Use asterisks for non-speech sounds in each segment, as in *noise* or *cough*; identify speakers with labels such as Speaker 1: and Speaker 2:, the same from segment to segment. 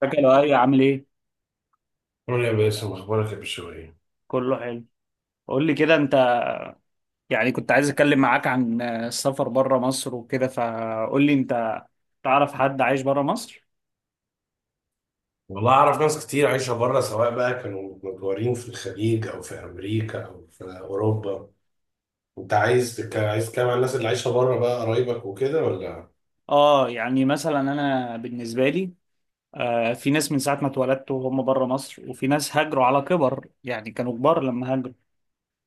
Speaker 1: فاكر يا ايه عامل ايه؟
Speaker 2: قول يا باسم، اخبارك يا بشوية.
Speaker 1: كله حلو. قول لي كده انت. يعني كنت عايز اتكلم معاك عن السفر بره مصر وكده، فقول لي انت تعرف حد عايش بره مصر.
Speaker 2: والله اعرف ناس كتير عايشه بره، سواء بقى كانوا متجوهرين في الخليج او في امريكا او في اوروبا. انت عايز عايز تتكلم عن الناس اللي عايشه بره بقى، قرايبك وكده ولا
Speaker 1: اه، يعني مثلا انا بالنسبه لي، في ناس من ساعه ما اتولدت وهم بره مصر، وفي ناس هاجروا على كبر، يعني كانوا كبار لما هاجروا.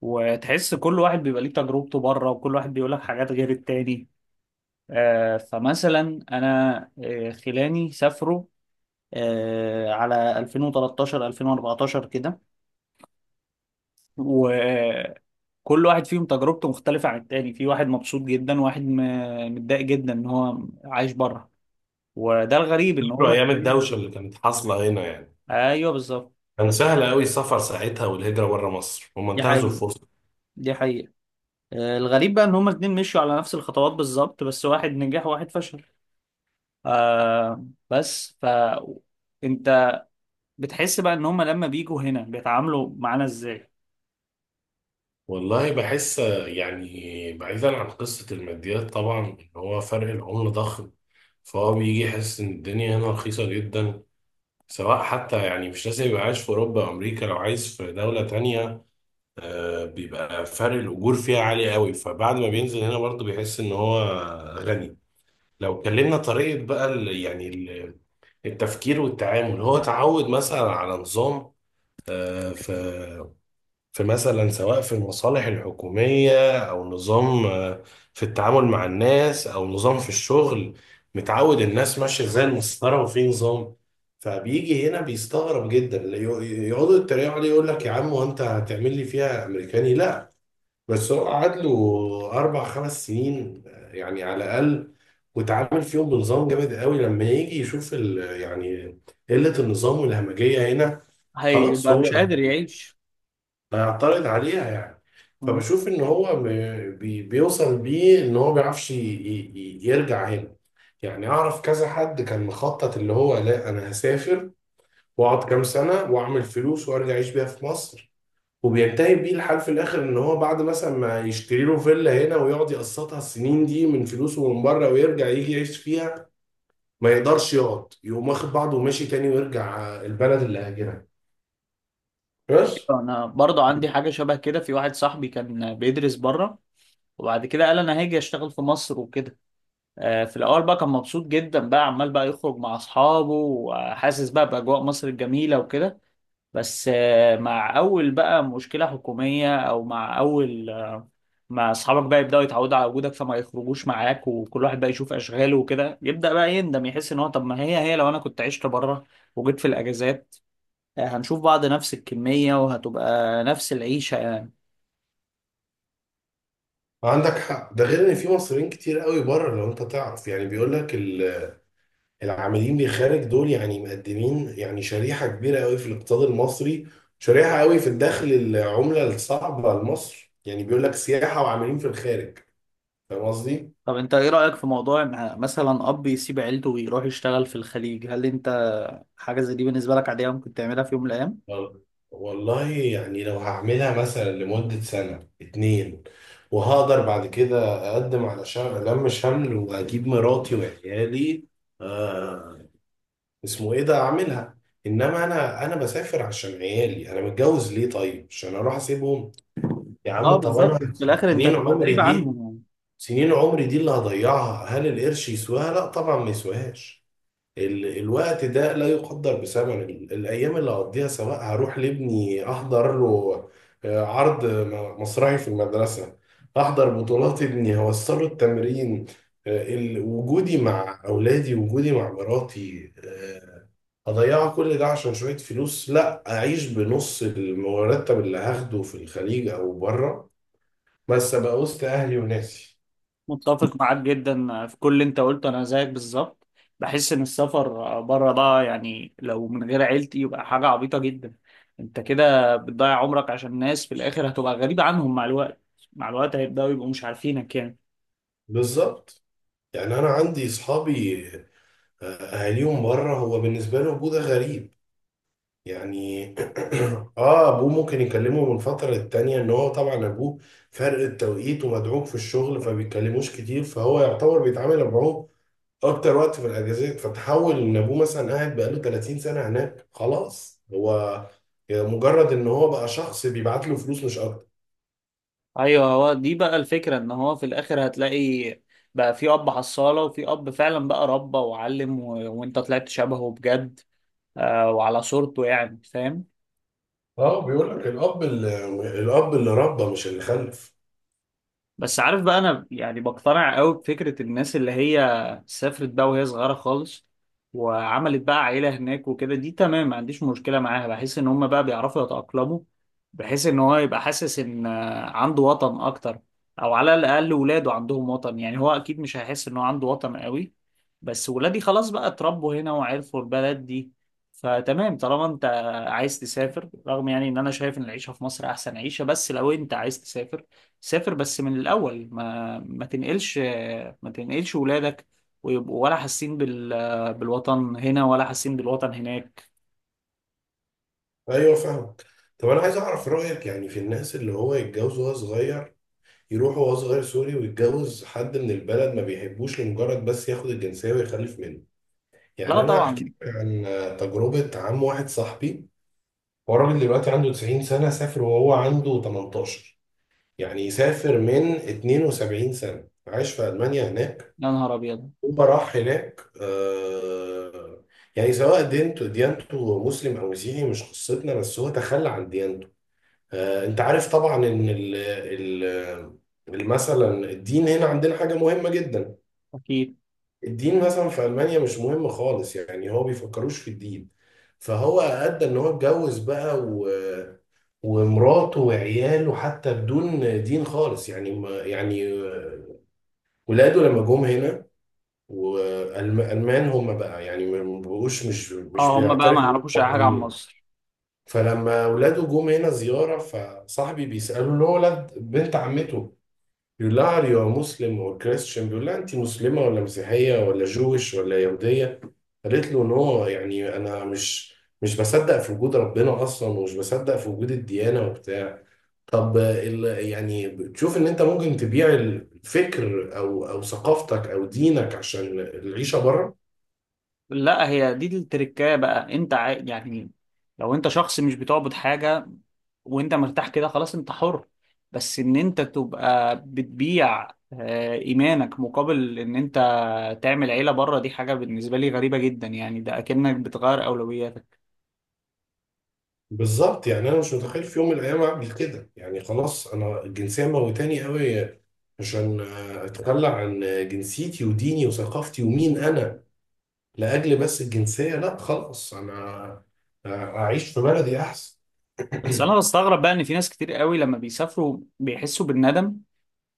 Speaker 1: وتحس كل واحد بيبقى ليه تجربته بره، وكل واحد بيقول لك حاجات غير التاني. فمثلا انا خلاني سافروا على 2013 2014 كده. وكل واحد فيهم تجربته مختلفة عن التاني، في واحد مبسوط جدا وواحد متضايق جدا ان هو عايش بره. وده الغريب، ان
Speaker 2: فاكروا
Speaker 1: هما
Speaker 2: ايام
Speaker 1: الاتنين.
Speaker 2: الدوشه اللي كانت حاصله هنا يعني؟
Speaker 1: ايوه بالظبط.
Speaker 2: كان سهل قوي السفر ساعتها، والهجره بره مصر هم
Speaker 1: دي
Speaker 2: انتهزوا
Speaker 1: حقيقة.
Speaker 2: الفرصه.
Speaker 1: دي حقيقة. الغريب بقى ان هما الاتنين مشوا على نفس الخطوات بالظبط، بس واحد نجح وواحد فشل. آه. بس انت بتحس بقى ان هما لما بيجوا هنا بيتعاملوا معانا ازاي.
Speaker 2: والله بحس، يعني بعيدا عن قصه الماديات طبعا، ان هو فرق العمله ضخم، فهو بيجي يحس ان الدنيا هنا رخيصه جدا، سواء حتى يعني مش لازم يبقى عايش في أوروبا أو أمريكا، لو عايز في دولة تانية بيبقى فرق الأجور فيها عالي قوي، فبعد ما بينزل هنا برضه بيحس إن هو غني. لو اتكلمنا طريقة بقى يعني التفكير والتعامل، هو اتعود مثلا على نظام، في في مثلا سواء في المصالح الحكومية، أو نظام في التعامل مع الناس، أو نظام في الشغل. متعود الناس ماشية زي المسطرة وفي نظام، فبيجي هنا بيستغرب جدا، يقعدوا يتريقوا عليه، يقول لك يا عم وأنت هتعمل لي فيها أمريكاني؟ لا. بس هو قعد له أربع خمس سنين، يعني على الأقل، وتعامل فيهم بنظام جامد قوي. لما يجي يشوف يعني قلة النظام والهمجية هنا، خلاص
Speaker 1: هيبقى
Speaker 2: هو
Speaker 1: مش قادر يعيش.
Speaker 2: هيعترض عليها يعني.
Speaker 1: مم.
Speaker 2: فبشوف ان هو بيوصل بيه ان هو ما بيعرفش يرجع هنا. يعني اعرف كذا حد كان مخطط اللي هو: لا، انا هسافر واقعد كام سنه واعمل فلوس وارجع اعيش بيها في مصر. وبينتهي بيه الحال في الاخر ان هو بعد مثلا ما يشتري له فيلا هنا ويقعد يقسطها السنين دي من فلوسه من بره، ويرجع يجي يعيش فيها، ما يقدرش يقعد، يقوم واخد بعضه وماشي تاني ويرجع البلد اللي هاجرها، بس.
Speaker 1: انا برضو عندي حاجة شبه كده، في واحد صاحبي كان بيدرس بره وبعد كده قال انا هاجي اشتغل في مصر وكده. في الاول بقى كان مبسوط جدا، بقى عمال بقى يخرج مع اصحابه وحاسس بقى باجواء مصر الجميله وكده. بس مع اول بقى مشكله حكوميه، او مع اول مع اصحابك بقى يبداوا يتعودوا على وجودك فما يخرجوش معاك، وكل واحد بقى يشوف اشغاله وكده، يبدا بقى يندم يحس ان هو طب ما هي لو انا كنت عشت بره وجيت في الاجازات، هنشوف بعض نفس الكميه وهتبقى نفس العيشه.
Speaker 2: عندك حق، ده غير ان في مصريين كتير قوي بره، لو انت تعرف يعني، بيقول لك العاملين بالخارج دول يعني مقدمين، يعني شريحة كبيرة قوي في الاقتصاد المصري، شريحة قوي في الدخل العملة الصعبة لمصر، يعني بيقول لك سياحة وعاملين في الخارج. فاهم قصدي؟
Speaker 1: طب انت ايه رأيك في موضوع ان مثلا اب يسيب عيلته ويروح يشتغل في الخليج؟ هل انت حاجة زي دي بالنسبة لك عادية ممكن تعملها في يوم من الايام؟
Speaker 2: وال- والله يعني لو هعملها مثلا لمدة سنة اتنين، وهقدر بعد كده اقدم على شغل لم شمل واجيب مراتي وعيالي، آه، اسمه ايه ده، اعملها. انما انا بسافر عشان عيالي، انا متجوز ليه طيب؟ عشان اروح اسيبهم؟ يا
Speaker 1: اه
Speaker 2: عم طب
Speaker 1: بالظبط،
Speaker 2: انا
Speaker 1: في الاخر انت
Speaker 2: سنين
Speaker 1: هتبقى غريب
Speaker 2: عمري دي،
Speaker 1: عنهم يعني.
Speaker 2: سنين عمري دي اللي هضيعها، هل القرش يسواها؟ لا طبعا، ما يسواهاش. الوقت ده لا يقدر بثمن، الايام اللي هقضيها، سواء هروح لابني احضر له عرض مسرحي في المدرسه، احضر بطولات ابني، هوصله التمرين، وجودي مع اولادي، وجودي مع مراتي، اضيع كل ده عشان شويه فلوس؟ لا، اعيش بنص المرتب اللي هاخده في الخليج او بره، بس ابقى وسط اهلي وناسي.
Speaker 1: متفق معاك جدا في كل اللي انت قلته، انا زيك بالظبط. بحس ان السفر بره ده، يعني لو من غير عيلتي، يبقى حاجة عبيطة جدا. انت كده بتضيع عمرك عشان ناس في الاخر هتبقى غريب عنهم مع الوقت. مع الوقت هيبدأوا يبقوا مش عارفينك يعني.
Speaker 2: بالظبط، يعني انا عندي اصحابي أهاليهم بره، هو بالنسبة له أبوه ده غريب يعني. *clears throat* أبوه ممكن يكلمه من فترة للتانية، إن هو طبعا أبوه فرق التوقيت ومدعوك في الشغل فبيتكلموش كتير، فهو يعتبر بيتعامل معاه أكتر وقت في الأجازات، فتحول إن أبوه مثلا قاعد بقاله 30 سنة هناك، خلاص هو مجرد إن هو بقى شخص بيبعت له فلوس، مش أكتر.
Speaker 1: ايوه، هو دي بقى الفكره، ان هو في الاخر هتلاقي بقى في اب حصاله وفي اب فعلا بقى ربى وعلم وانت طلعت شبهه بجد. وعلى صورته يعني، فاهم؟
Speaker 2: بيقول لك الأب اللي، الأب اللي ربى مش اللي خلف.
Speaker 1: بس عارف بقى، انا يعني بقتنع قوي بفكرة الناس اللي هي سافرت بقى وهي صغيرة خالص وعملت بقى عيلة هناك وكده، دي تمام، ما عنديش مشكلة معاها. بحس ان هم بقى بيعرفوا يتأقلموا، بحيث ان هو يبقى حاسس ان عنده وطن اكتر، او على الاقل ولاده عندهم وطن. يعني هو اكيد مش هيحس ان هو عنده وطن قوي، بس ولادي خلاص بقى اتربوا هنا وعرفوا البلد دي. فتمام، طالما انت عايز تسافر، رغم يعني ان انا شايف ان العيشة في مصر احسن عيشة، بس لو انت عايز تسافر سافر، بس من الأول ما تنقلش، ما تنقلش ولادك، ويبقوا ولا حاسين بالوطن هنا ولا حاسين بالوطن هناك.
Speaker 2: أيوه فاهم. طب أنا عايز أعرف رأيك يعني في الناس اللي هو يتجوز وهو صغير، يروح وهو صغير سوري ويتجوز حد من البلد ما بيحبوش لمجرد بس ياخد الجنسية ويخلف منه. يعني
Speaker 1: لا
Speaker 2: أنا هحكي
Speaker 1: طبعا.
Speaker 2: لك عن تجربة عم واحد صاحبي. هو راجل دلوقتي عنده 90 سنة، سافر وهو عنده 18، يعني سافر من 72 سنة، عاش في ألمانيا هناك.
Speaker 1: يا نهار أبيض.
Speaker 2: هو راح هناك، آه، يعني سواء ديانته مسلم أو مسيحي مش قصتنا، بس هو تخلى عن ديانته. انت عارف طبعا ان ال مثلا الدين هنا عندنا حاجة مهمة جدا.
Speaker 1: أكيد.
Speaker 2: الدين مثلا في ألمانيا مش مهم خالص، يعني هو بيفكروش في الدين. فهو أدى ان هو اتجوز بقى و ومراته وعياله حتى بدون دين خالص، يعني ما يعني ولاده لما جم هنا، والألمان هم بقى يعني ما بقوش مش
Speaker 1: اه، هما بقى ما
Speaker 2: بيعترفوا إن
Speaker 1: يعرفوش أي
Speaker 2: هم
Speaker 1: حاجة عن
Speaker 2: مسيحيين.
Speaker 1: مصر.
Speaker 2: فلما ولاده جم هنا زيارة، فصاحبي بيسأله، له ولد بنت عمته، بيقول لها are you a Muslim or Christian، بيقول لها انت مسلمة ولا مسيحية ولا جويش ولا يهودية؟ قالت له نو، يعني انا مش بصدق في وجود ربنا اصلا، ومش بصدق في وجود الديانة وبتاع. طب ال يعني بتشوف ان انت ممكن تبيع الفكر او او ثقافتك او دينك عشان العيشة بره؟
Speaker 1: لا، هي دي التركاية بقى. أنت يعني لو أنت شخص مش بتعبد حاجة وأنت مرتاح كده خلاص أنت حر. بس إن أنت تبقى بتبيع إيمانك مقابل إن أنت تعمل عيلة بره، دي حاجة بالنسبة لي غريبة جدا، يعني ده أكنك بتغير أولوياتك.
Speaker 2: بالظبط، يعني انا مش متخيل في يوم من الايام اعمل كده، يعني خلاص، انا الجنسية موتاني قوي عشان اتخلى عن جنسيتي وديني وثقافتي ومين انا لاجل بس الجنسيه؟ لا خلاص، انا اعيش في بلدي احسن.
Speaker 1: بس أنا بستغرب بقى إن في ناس كتير قوي لما بيسافروا بيحسوا بالندم،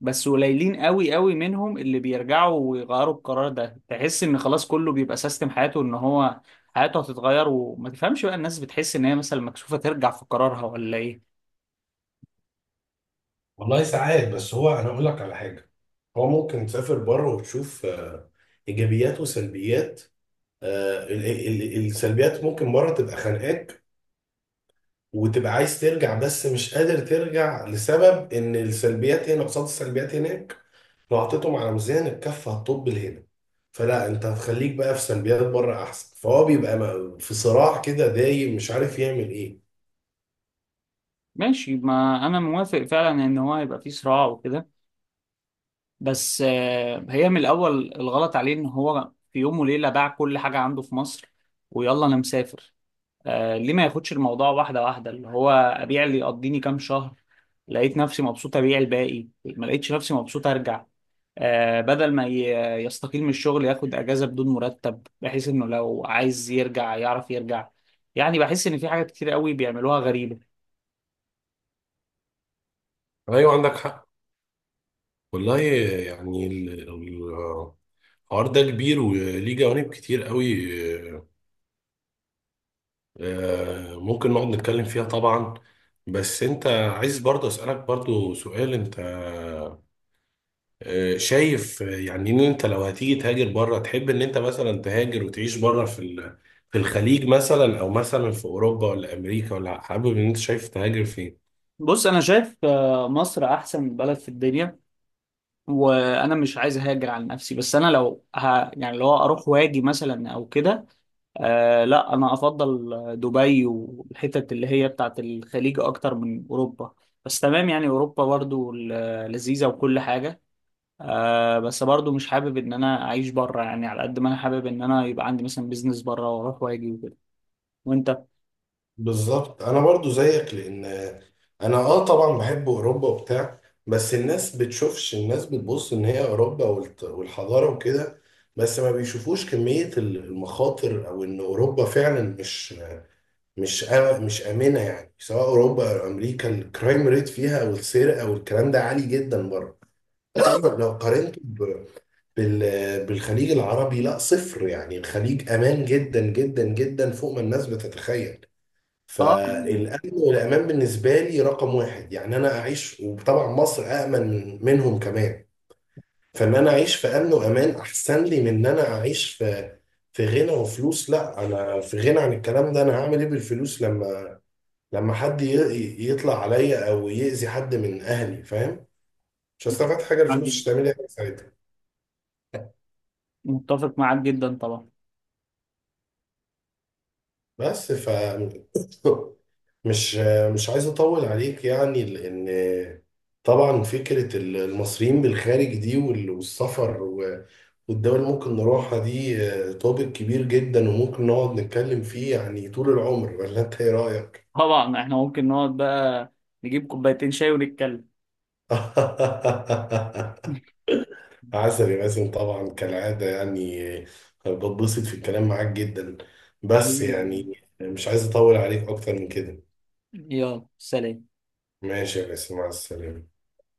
Speaker 1: بس قليلين قوي قوي منهم اللي بيرجعوا ويغيروا القرار ده. تحس إن خلاص كله بيبقى سيستم حياته، إن هو حياته هتتغير. وما تفهمش بقى الناس بتحس إن هي مثلا مكسوفة ترجع في قرارها ولا إيه.
Speaker 2: والله ساعات، بس هو انا اقول لك على حاجه: هو ممكن تسافر بره وتشوف ايجابيات وسلبيات، السلبيات ممكن بره تبقى خانقاك، وتبقى عايز ترجع بس مش قادر ترجع، لسبب ان السلبيات هنا قصاد السلبيات هناك، لو حطيتهم على ميزان الكف هتطب لهنا، فلا انت هتخليك بقى في سلبيات بره احسن، فهو بيبقى في صراع كده دايم مش عارف يعمل ايه.
Speaker 1: ماشي، ما أنا موافق فعلا إن هو يبقى في صراع وكده. بس هي من الاول الغلط عليه ان هو في يوم وليله باع كل حاجه عنده في مصر، ويلا انا مسافر. ليه ما ياخدش الموضوع واحده واحده، اللي هو ابيع اللي يقضيني كام شهر، لقيت نفسي مبسوط ابيع الباقي، ما لقيتش نفسي مبسوط ارجع. بدل ما يستقيل من الشغل، ياخد اجازه بدون مرتب بحيث انه لو عايز يرجع يعرف يرجع. يعني بحس ان في حاجات كتير قوي بيعملوها غريبه.
Speaker 2: ايوه عندك حق. والله يعني الحوار ده كبير وليه جوانب كتير قوي، ممكن نقعد نتكلم فيها طبعا. بس انت عايز، برضه اسألك برضه سؤال: انت شايف يعني ان انت لو هتيجي تهاجر بره، تحب ان انت مثلا تهاجر وتعيش بره في في الخليج مثلا، او مثلا في اوروبا ولا امريكا، ولا حابب، ان انت شايف تهاجر فين؟
Speaker 1: بص، انا شايف مصر احسن بلد في الدنيا، وانا مش عايز اهاجر على نفسي. بس انا لو يعني لو اروح واجي مثلا او كده، لا، انا افضل دبي والحتت اللي هي بتاعت الخليج اكتر من اوروبا. بس تمام يعني، اوروبا برضو لذيذة وكل حاجة. بس برضو مش حابب ان انا اعيش بره، يعني على قد ما انا حابب ان انا يبقى عندي مثلا بيزنس بره واروح واجي وكده. وانت؟
Speaker 2: بالظبط انا برضو زيك، لان انا اه طبعا بحب اوروبا وبتاع، بس الناس بتشوفش، الناس بتبص ان هي اوروبا والحضاره وكده، بس ما بيشوفوش كميه المخاطر، او ان اوروبا فعلا مش امنه، يعني سواء اوروبا او امريكا الكرايم ريت فيها او السرقه او الكلام ده عالي جدا بره.
Speaker 1: ايوه.
Speaker 2: *coughs* لو قارنته بالخليج العربي، لا صفر، يعني الخليج امان جدا جدا جدا فوق ما الناس بتتخيل.
Speaker 1: اه.
Speaker 2: فالأمن والأمان بالنسبة لي رقم واحد، يعني أنا أعيش، وطبعا مصر أأمن منهم كمان. فإن أنا أعيش في أمن وأمان أحسن لي من إن أنا أعيش في غنى وفلوس، لا أنا في غنى عن الكلام ده. أنا هعمل إيه بالفلوس لما حد يطلع عليا أو يأذي حد من أهلي؟ فاهم، مش هستفاد حاجة،
Speaker 1: معاك
Speaker 2: الفلوس
Speaker 1: جدا.
Speaker 2: مش هتعمل لي حاجة ساعتها.
Speaker 1: متفق معاك جدا طبعا.
Speaker 2: بس ف *laughs* مش مش عايز اطول عليك يعني، لان طبعا فكره المصريين بالخارج دي والسفر والدول اللي ممكن نروحها دي، توبيك كبير جدا وممكن نقعد نتكلم فيه يعني طول العمر، ولا انت ايه رايك؟
Speaker 1: طبعا احنا ممكن نقعد بقى نجيب كوبايتين شاي ونتكلم.
Speaker 2: *laughs*
Speaker 1: *laughs*
Speaker 2: عسل يا باسم، طبعا كالعاده يعني بتبسط في الكلام معاك جدا، بس
Speaker 1: حبيبي يا لؤي.
Speaker 2: يعني مش عايز اطول عليك اكتر من كده.
Speaker 1: يلا سلام.
Speaker 2: ماشي يا باسم، مع السلامه.